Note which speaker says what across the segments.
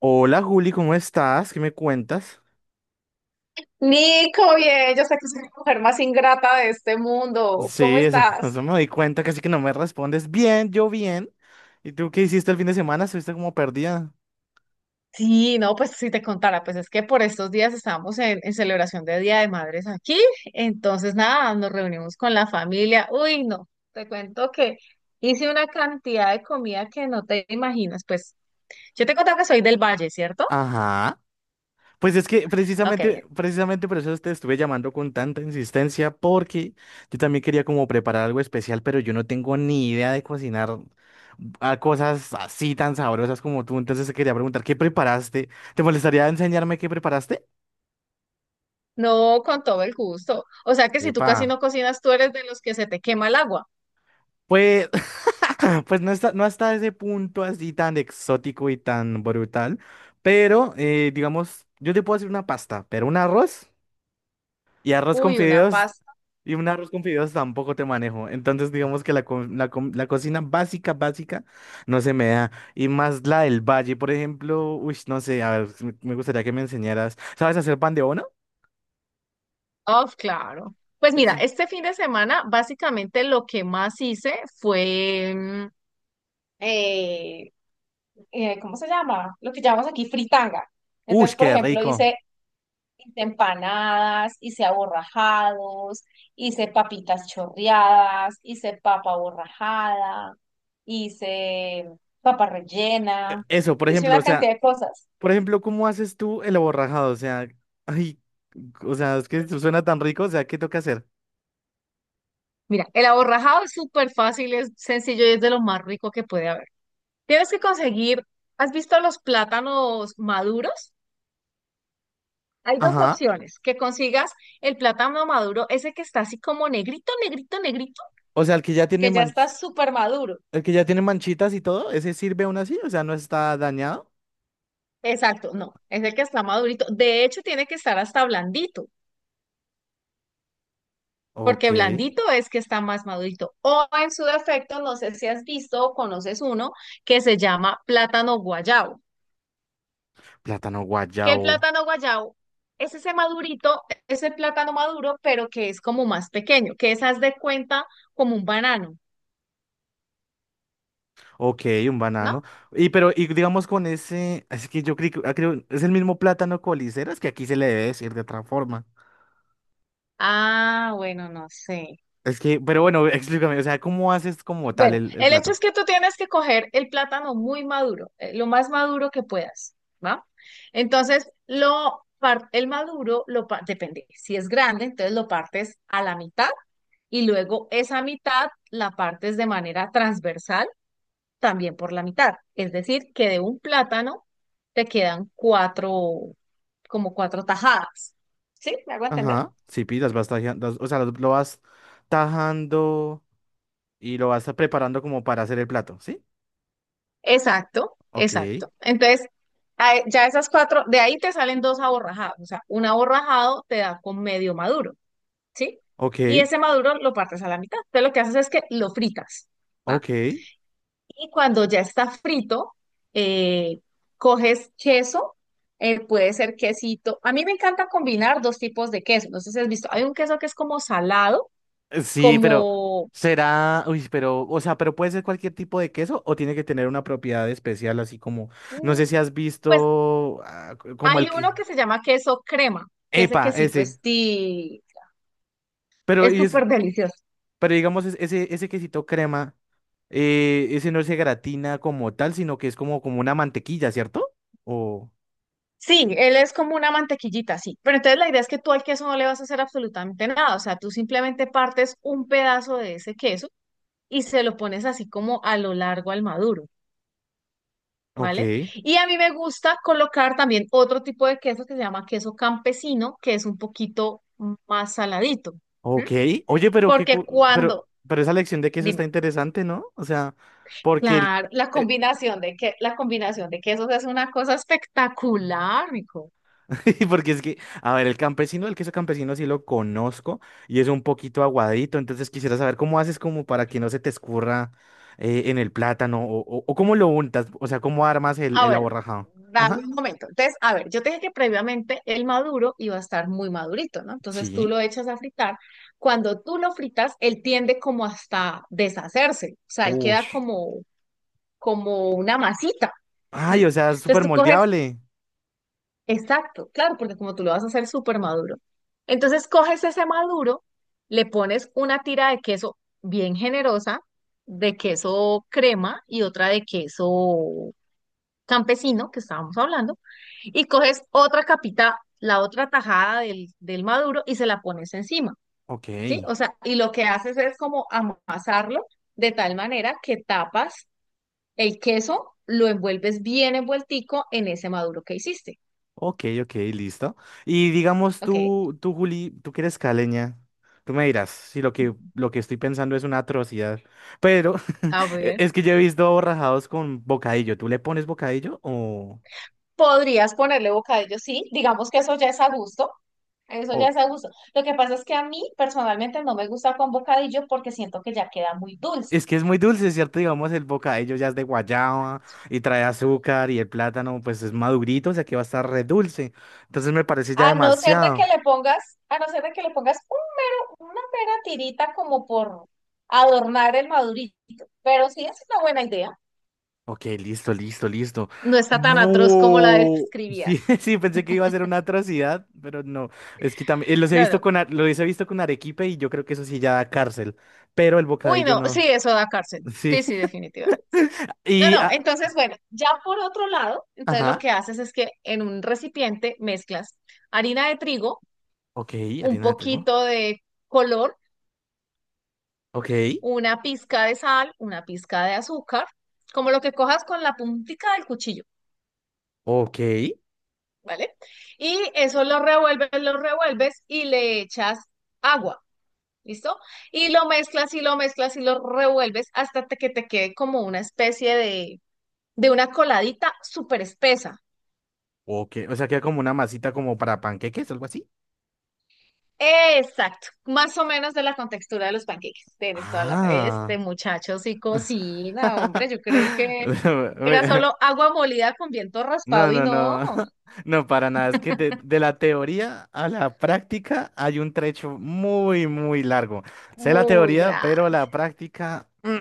Speaker 1: Hola Juli, ¿cómo estás? ¿Qué me cuentas?
Speaker 2: Nico, bien, yo sé que soy la mujer más ingrata de este mundo. ¿Cómo
Speaker 1: Sí, eso,
Speaker 2: estás?
Speaker 1: eso me doy cuenta, casi que no me respondes. Bien, yo bien. ¿Y tú qué hiciste el fin de semana? ¿Estuviste como perdida?
Speaker 2: Sí, no, pues si te contara, pues es que por estos días estábamos en celebración de Día de Madres aquí, entonces nada, nos reunimos con la familia. Uy, no, te cuento que hice una cantidad de comida que no te imaginas, pues yo te contaba que soy del Valle, ¿cierto?
Speaker 1: Ajá. Pues es que
Speaker 2: Ok,
Speaker 1: precisamente por eso te estuve llamando con tanta insistencia, porque yo también quería como preparar algo especial, pero yo no tengo ni idea de cocinar a cosas así tan sabrosas como tú. Entonces te quería preguntar, ¿qué preparaste? ¿Te molestaría enseñarme qué preparaste?
Speaker 2: no, con todo el gusto. O sea que si tú
Speaker 1: Epa.
Speaker 2: casi no cocinas, tú eres de los que se te quema el agua.
Speaker 1: Pues, pues no está, no hasta ese punto así tan exótico y tan brutal, pero digamos, yo te puedo hacer una pasta, pero un arroz. Y arroz con
Speaker 2: Uy, una...
Speaker 1: fideos, y un arroz con fideos tampoco te manejo. Entonces, digamos que la cocina básica, básica, no se me da. Y más la del valle, por ejemplo, uy, no sé, a ver, si me gustaría que me enseñaras. ¿Sabes hacer pan de bono?
Speaker 2: Of, claro. Pues mira,
Speaker 1: Sí.
Speaker 2: este fin de semana básicamente lo que más hice fue, eh, ¿cómo se llama? Lo que llamamos aquí fritanga.
Speaker 1: Uy,
Speaker 2: Entonces, por
Speaker 1: qué
Speaker 2: ejemplo, hice
Speaker 1: rico.
Speaker 2: empanadas, hice aborrajados, hice papitas chorreadas, hice papa aborrajada, hice papa rellena,
Speaker 1: Eso, por
Speaker 2: hice
Speaker 1: ejemplo, o
Speaker 2: una
Speaker 1: sea,
Speaker 2: cantidad de cosas.
Speaker 1: por ejemplo, ¿cómo haces tú el aborrajado? O sea, ay, o sea, es que eso suena tan rico, o sea, ¿qué toca hacer?
Speaker 2: Mira, el aborrajado es súper fácil, es sencillo y es de lo más rico que puede haber. Tienes que conseguir, ¿has visto los plátanos maduros? Hay dos
Speaker 1: Ajá.
Speaker 2: opciones, que consigas el plátano maduro, ese que está así como negrito, negrito, negrito,
Speaker 1: O sea,
Speaker 2: que ya está súper maduro.
Speaker 1: el que ya tiene manchitas y todo, ¿ese sirve aún así? O sea, ¿no está dañado?
Speaker 2: Exacto, no, es el que está madurito. De hecho, tiene que estar hasta blandito,
Speaker 1: Ok.
Speaker 2: porque blandito es que está más madurito. O en su defecto, no sé si has visto o conoces uno que se llama plátano guayabo.
Speaker 1: Plátano
Speaker 2: Que el
Speaker 1: guayabo.
Speaker 2: plátano guayabo es ese madurito, ese plátano maduro, pero que es como más pequeño, que es, haz de cuenta, como un banano,
Speaker 1: Ok, un
Speaker 2: ¿no?
Speaker 1: banano. Y pero, y digamos con ese, es que yo creo, es el mismo plátano coliseras que aquí se le debe decir de otra forma.
Speaker 2: Ah, bueno, no sé.
Speaker 1: Es que, pero bueno, explícame, o sea, ¿cómo haces como tal
Speaker 2: Bueno,
Speaker 1: el
Speaker 2: el hecho es
Speaker 1: plato?
Speaker 2: que tú tienes que coger el plátano muy maduro, lo más maduro que puedas, ¿va? Entonces, el maduro, depende, si es grande, entonces lo partes a la mitad y luego esa mitad la partes de manera transversal también por la mitad. Es decir, que de un plátano te quedan cuatro, como cuatro tajadas. ¿Sí? ¿Me hago entender?
Speaker 1: Ajá. Sí, pi, las vas tajando, o sea, lo vas tajando y lo vas preparando como para hacer el plato, ¿sí?
Speaker 2: Exacto,
Speaker 1: Ok,
Speaker 2: exacto. Entonces, ya esas cuatro, de ahí te salen dos aborrajados. O sea, un aborrajado te da con medio maduro, ¿sí? Y
Speaker 1: ok,
Speaker 2: ese maduro lo partes a la mitad. Entonces, lo que haces es que lo fritas. ¿Va?
Speaker 1: ok.
Speaker 2: Y cuando ya está frito, eh, coges queso, puede ser quesito. A mí me encanta combinar dos tipos de queso. No sé si has visto, hay un queso que es como salado,
Speaker 1: Sí, pero
Speaker 2: como,
Speaker 1: será, uy, pero, o sea, pero puede ser cualquier tipo de queso o tiene que tener una propiedad especial, así como, no
Speaker 2: mm,
Speaker 1: sé si has
Speaker 2: pues
Speaker 1: visto como el
Speaker 2: hay
Speaker 1: que,
Speaker 2: uno que se llama queso crema, que ese
Speaker 1: epa,
Speaker 2: quesito
Speaker 1: ese,
Speaker 2: es, ti-
Speaker 1: pero
Speaker 2: es
Speaker 1: y es,
Speaker 2: súper delicioso.
Speaker 1: pero digamos ese quesito crema, ese no se gratina como tal, sino que es como, como una mantequilla, ¿cierto? O,
Speaker 2: Sí, él es como una mantequillita, sí. Pero entonces la idea es que tú al queso no le vas a hacer absolutamente nada. O sea, tú simplemente partes un pedazo de ese queso y se lo pones así como a lo largo al maduro.
Speaker 1: ok,
Speaker 2: ¿Vale? Y a mí me gusta colocar también otro tipo de queso que se llama queso campesino, que es un poquito más saladito,
Speaker 1: ok,
Speaker 2: ¿m?
Speaker 1: oye,
Speaker 2: Porque cuando,
Speaker 1: pero esa lección de queso está
Speaker 2: dime,
Speaker 1: interesante, ¿no? O sea, porque el,
Speaker 2: claro, la
Speaker 1: eh,
Speaker 2: combinación de que la combinación de quesos es una cosa espectacular, rico.
Speaker 1: porque es que, a ver, el campesino, el queso campesino sí lo conozco y es un poquito aguadito, entonces quisiera saber cómo haces como para que no se te escurra en el plátano o cómo lo untas, o sea, cómo armas
Speaker 2: Ah,
Speaker 1: el
Speaker 2: bueno,
Speaker 1: aborrajado.
Speaker 2: dame
Speaker 1: Ajá,
Speaker 2: un momento. Entonces, a ver, yo te dije que previamente el maduro iba a estar muy madurito, ¿no? Entonces tú
Speaker 1: sí.
Speaker 2: lo echas a fritar. Cuando tú lo fritas, él tiende como hasta deshacerse, o sea, él queda
Speaker 1: Ush.
Speaker 2: como como una masita. ¿Mm?
Speaker 1: Ay, o sea, es
Speaker 2: Entonces
Speaker 1: súper
Speaker 2: tú coges,
Speaker 1: moldeable.
Speaker 2: exacto, claro, porque como tú lo vas a hacer súper maduro. Entonces coges ese maduro, le pones una tira de queso bien generosa, de queso crema y otra de queso campesino, que estábamos hablando, y coges otra capita, la otra tajada del maduro y se la pones encima,
Speaker 1: Ok.
Speaker 2: ¿sí? O sea, y lo que haces es como amasarlo de tal manera que tapas el queso, lo envuelves bien envueltico en ese maduro que hiciste.
Speaker 1: Ok, ok, listo. Y digamos
Speaker 2: Ok.
Speaker 1: Juli, tú que eres caleña, tú me dirás si lo que estoy pensando es una atrocidad, pero
Speaker 2: A ver.
Speaker 1: es que yo he visto borrajados con bocadillo. ¿Tú le pones bocadillo
Speaker 2: Podrías ponerle bocadillo, sí. Digamos que eso ya es a gusto. Eso ya
Speaker 1: o-
Speaker 2: es a gusto. Lo que pasa es que a mí personalmente no me gusta con bocadillo porque siento que ya queda muy dulce.
Speaker 1: Es que es muy dulce, ¿cierto? Digamos, el bocadillo ya es de guayaba y trae azúcar y el plátano pues es madurito, o sea que va a estar re dulce. Entonces me parece ya
Speaker 2: A no ser de que
Speaker 1: demasiado.
Speaker 2: le pongas, a no ser de que le pongas un mero, una mera tirita como por adornar el madurito. Pero sí es una buena idea.
Speaker 1: Ok, listo, listo, listo.
Speaker 2: No está tan atroz como la
Speaker 1: Bu- Sí,
Speaker 2: describías.
Speaker 1: sí, pensé que iba a ser una atrocidad, pero no. Es que también los he
Speaker 2: No,
Speaker 1: visto
Speaker 2: no.
Speaker 1: los he visto con arequipe y yo creo que eso sí ya da cárcel, pero el
Speaker 2: Uy,
Speaker 1: bocadillo
Speaker 2: no.
Speaker 1: no.
Speaker 2: Sí, eso da cárcel.
Speaker 1: Sí.
Speaker 2: Sí, sí, definitivamente. No,
Speaker 1: Y,
Speaker 2: no,
Speaker 1: ah,
Speaker 2: entonces, bueno, ya por otro lado, entonces lo
Speaker 1: ajá.
Speaker 2: que haces es que en un recipiente mezclas harina de trigo,
Speaker 1: Ok,
Speaker 2: un
Speaker 1: harina de trigo.
Speaker 2: poquito de color,
Speaker 1: Ok,
Speaker 2: una pizca de sal, una pizca de azúcar, como lo que cojas con la puntica del cuchillo,
Speaker 1: ok,
Speaker 2: ¿vale? Y eso lo revuelves y le echas agua, ¿listo? Y lo mezclas y lo revuelves hasta que te quede como una especie de una coladita súper espesa.
Speaker 1: ok. O sea, queda como una masita como para panqueques, algo así.
Speaker 2: Exacto, más o menos de la contextura de los panqueques. Tienes toda la...
Speaker 1: Ah.
Speaker 2: Este muchacho sí cocina, hombre. Yo creí que era solo agua molida con viento raspado
Speaker 1: No,
Speaker 2: y
Speaker 1: no,
Speaker 2: no,
Speaker 1: no, no, para nada. Es que de la teoría a la práctica hay un trecho muy, muy largo. Sé la
Speaker 2: muy
Speaker 1: teoría, pero
Speaker 2: grande.
Speaker 1: la práctica,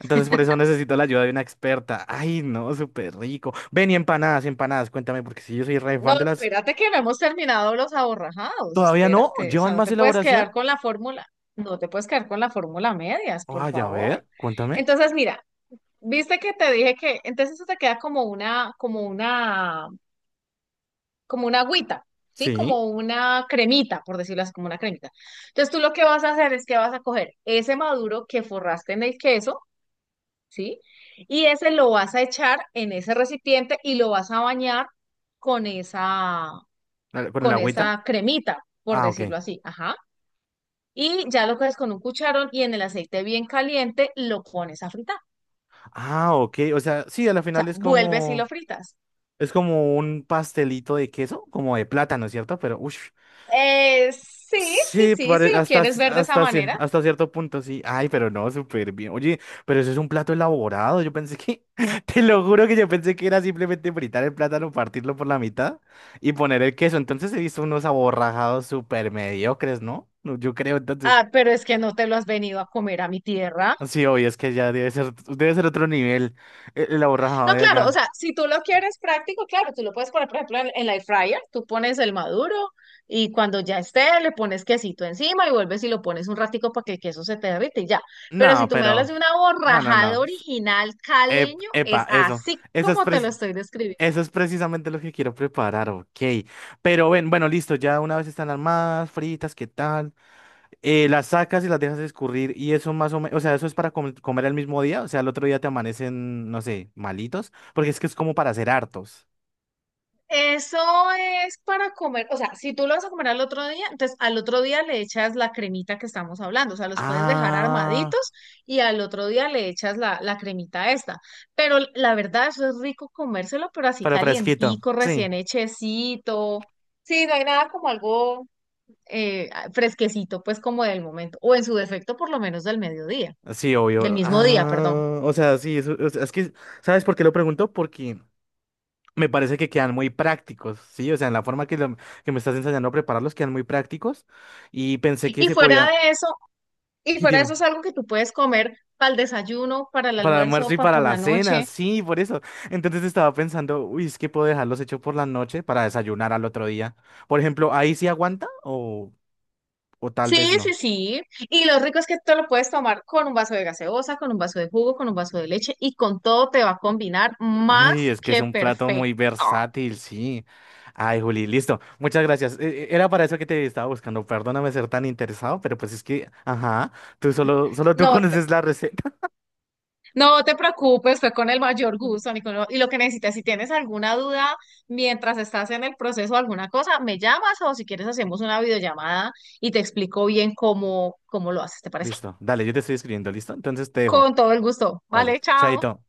Speaker 1: Entonces por eso necesito la ayuda de una experta. Ay, no, súper rico. Ven y empanadas, empanadas, cuéntame, porque si yo soy re
Speaker 2: No,
Speaker 1: fan de las.
Speaker 2: espérate que no hemos terminado los aborrajados.
Speaker 1: ¿Todavía no?
Speaker 2: Espérate, o sea,
Speaker 1: ¿Llevan
Speaker 2: no
Speaker 1: más
Speaker 2: te puedes
Speaker 1: elaboración?
Speaker 2: quedar con la fórmula. No te puedes quedar con la fórmula a medias, por
Speaker 1: Vaya, a
Speaker 2: favor.
Speaker 1: ver, cuéntame.
Speaker 2: Entonces, mira, viste que te dije que entonces eso te queda como una como una agüita, ¿sí?
Speaker 1: Sí,
Speaker 2: Como una cremita, por decirlo así, como una cremita. Entonces tú lo que vas a hacer es que vas a coger ese maduro que forraste en el queso, ¿sí? Y ese lo vas a echar en ese recipiente y lo vas a bañar con esa,
Speaker 1: con el
Speaker 2: con
Speaker 1: agüita.
Speaker 2: esa cremita, por
Speaker 1: Ah, ok.
Speaker 2: decirlo así, ajá. Y ya lo coges con un cucharón y en el aceite bien caliente lo pones a fritar.
Speaker 1: Ah, ok. O sea, sí, a la
Speaker 2: O
Speaker 1: final
Speaker 2: sea,
Speaker 1: es
Speaker 2: vuelves y lo
Speaker 1: como.
Speaker 2: fritas.
Speaker 1: Es como un pastelito de queso, como de plátano, ¿cierto? Pero, uff.
Speaker 2: Sí, sí,
Speaker 1: Sí,
Speaker 2: sí, si lo quieres ver de esa manera.
Speaker 1: hasta cierto punto, sí. Ay, pero no, súper bien. Oye, pero eso es un plato elaborado. Yo pensé que, te lo juro que yo pensé que era simplemente fritar el plátano, partirlo por la mitad y poner el queso. Entonces he visto unos aborrajados súper mediocres, ¿no? No, yo creo, entonces.
Speaker 2: Ah, pero es que no te lo has venido a comer a mi tierra.
Speaker 1: Sí, obvio, es que ya debe ser otro nivel el aborrajado
Speaker 2: No,
Speaker 1: de
Speaker 2: claro, o
Speaker 1: allá.
Speaker 2: sea, si tú lo quieres práctico, claro, tú lo puedes poner, por ejemplo, en la air fryer, tú pones el maduro y cuando ya esté, le pones quesito encima y vuelves y lo pones un ratico para que el queso se te derrite y ya. Pero si
Speaker 1: No,
Speaker 2: tú me hablas
Speaker 1: pero,
Speaker 2: de una
Speaker 1: no, no,
Speaker 2: borrajada
Speaker 1: no.
Speaker 2: original caleño,
Speaker 1: Epa,
Speaker 2: es
Speaker 1: eso.
Speaker 2: así
Speaker 1: Eso
Speaker 2: como te lo
Speaker 1: es,
Speaker 2: estoy describiendo.
Speaker 1: eso es precisamente lo que quiero preparar, ok. Pero ven, bueno, listo, ya una vez están armadas, fritas, ¿qué tal? Las sacas y las dejas escurrir y eso más o menos, o sea, eso es para comer el mismo día, o sea, el otro día te amanecen, no sé, malitos, porque es que es como para hacer hartos.
Speaker 2: Eso es para comer, o sea, si tú lo vas a comer al otro día, entonces al otro día le echas la cremita que estamos hablando, o sea, los puedes dejar armaditos
Speaker 1: Ah,
Speaker 2: y al otro día le echas la cremita esta. Pero la verdad, eso es rico comérselo, pero así
Speaker 1: pero fresquito,
Speaker 2: calientico,
Speaker 1: sí,
Speaker 2: recién hechecito. Sí, no hay nada como algo fresquecito, pues como del momento, o en su defecto por lo menos del mediodía,
Speaker 1: sí,
Speaker 2: del
Speaker 1: obvio.
Speaker 2: mismo día, perdón.
Speaker 1: Ah, o sea, sí, o sea, es que, ¿sabes por qué lo pregunto? Porque me parece que quedan muy prácticos, ¿sí? O sea, en la forma que me estás enseñando a prepararlos quedan muy prácticos y pensé que
Speaker 2: Y
Speaker 1: se
Speaker 2: fuera
Speaker 1: podía,
Speaker 2: de eso, y
Speaker 1: sí,
Speaker 2: fuera de eso
Speaker 1: dime,
Speaker 2: es algo que tú puedes comer para el desayuno, para el
Speaker 1: para el
Speaker 2: almuerzo,
Speaker 1: almuerzo y
Speaker 2: para
Speaker 1: para
Speaker 2: por
Speaker 1: la
Speaker 2: la
Speaker 1: cena,
Speaker 2: noche.
Speaker 1: sí, por eso. Entonces estaba pensando, uy, es que puedo dejarlos hechos por la noche para desayunar al otro día. Por ejemplo, ¿ahí sí aguanta o tal
Speaker 2: Sí,
Speaker 1: vez
Speaker 2: sí,
Speaker 1: no?
Speaker 2: sí. Y lo rico es que te lo puedes tomar con un vaso de gaseosa, con un vaso de jugo, con un vaso de leche y con todo te va a combinar más
Speaker 1: Ay, es que es
Speaker 2: que
Speaker 1: un plato muy
Speaker 2: perfecto.
Speaker 1: versátil, sí. Ay, Juli, listo. Muchas gracias. Era para eso que te estaba buscando. Perdóname ser tan interesado, pero pues es que, ajá, solo tú
Speaker 2: No te,
Speaker 1: conoces la receta.
Speaker 2: no te preocupes, fue con el mayor gusto, Nicolás. Y lo que necesites, si tienes alguna duda mientras estás en el proceso o alguna cosa, me llamas o si quieres hacemos una videollamada y te explico bien cómo, cómo lo haces, ¿te parece?
Speaker 1: Listo. Dale, yo te estoy escribiendo, ¿listo? Entonces te dejo.
Speaker 2: Con todo el gusto.
Speaker 1: Vale.
Speaker 2: Vale, chao.
Speaker 1: Chaito.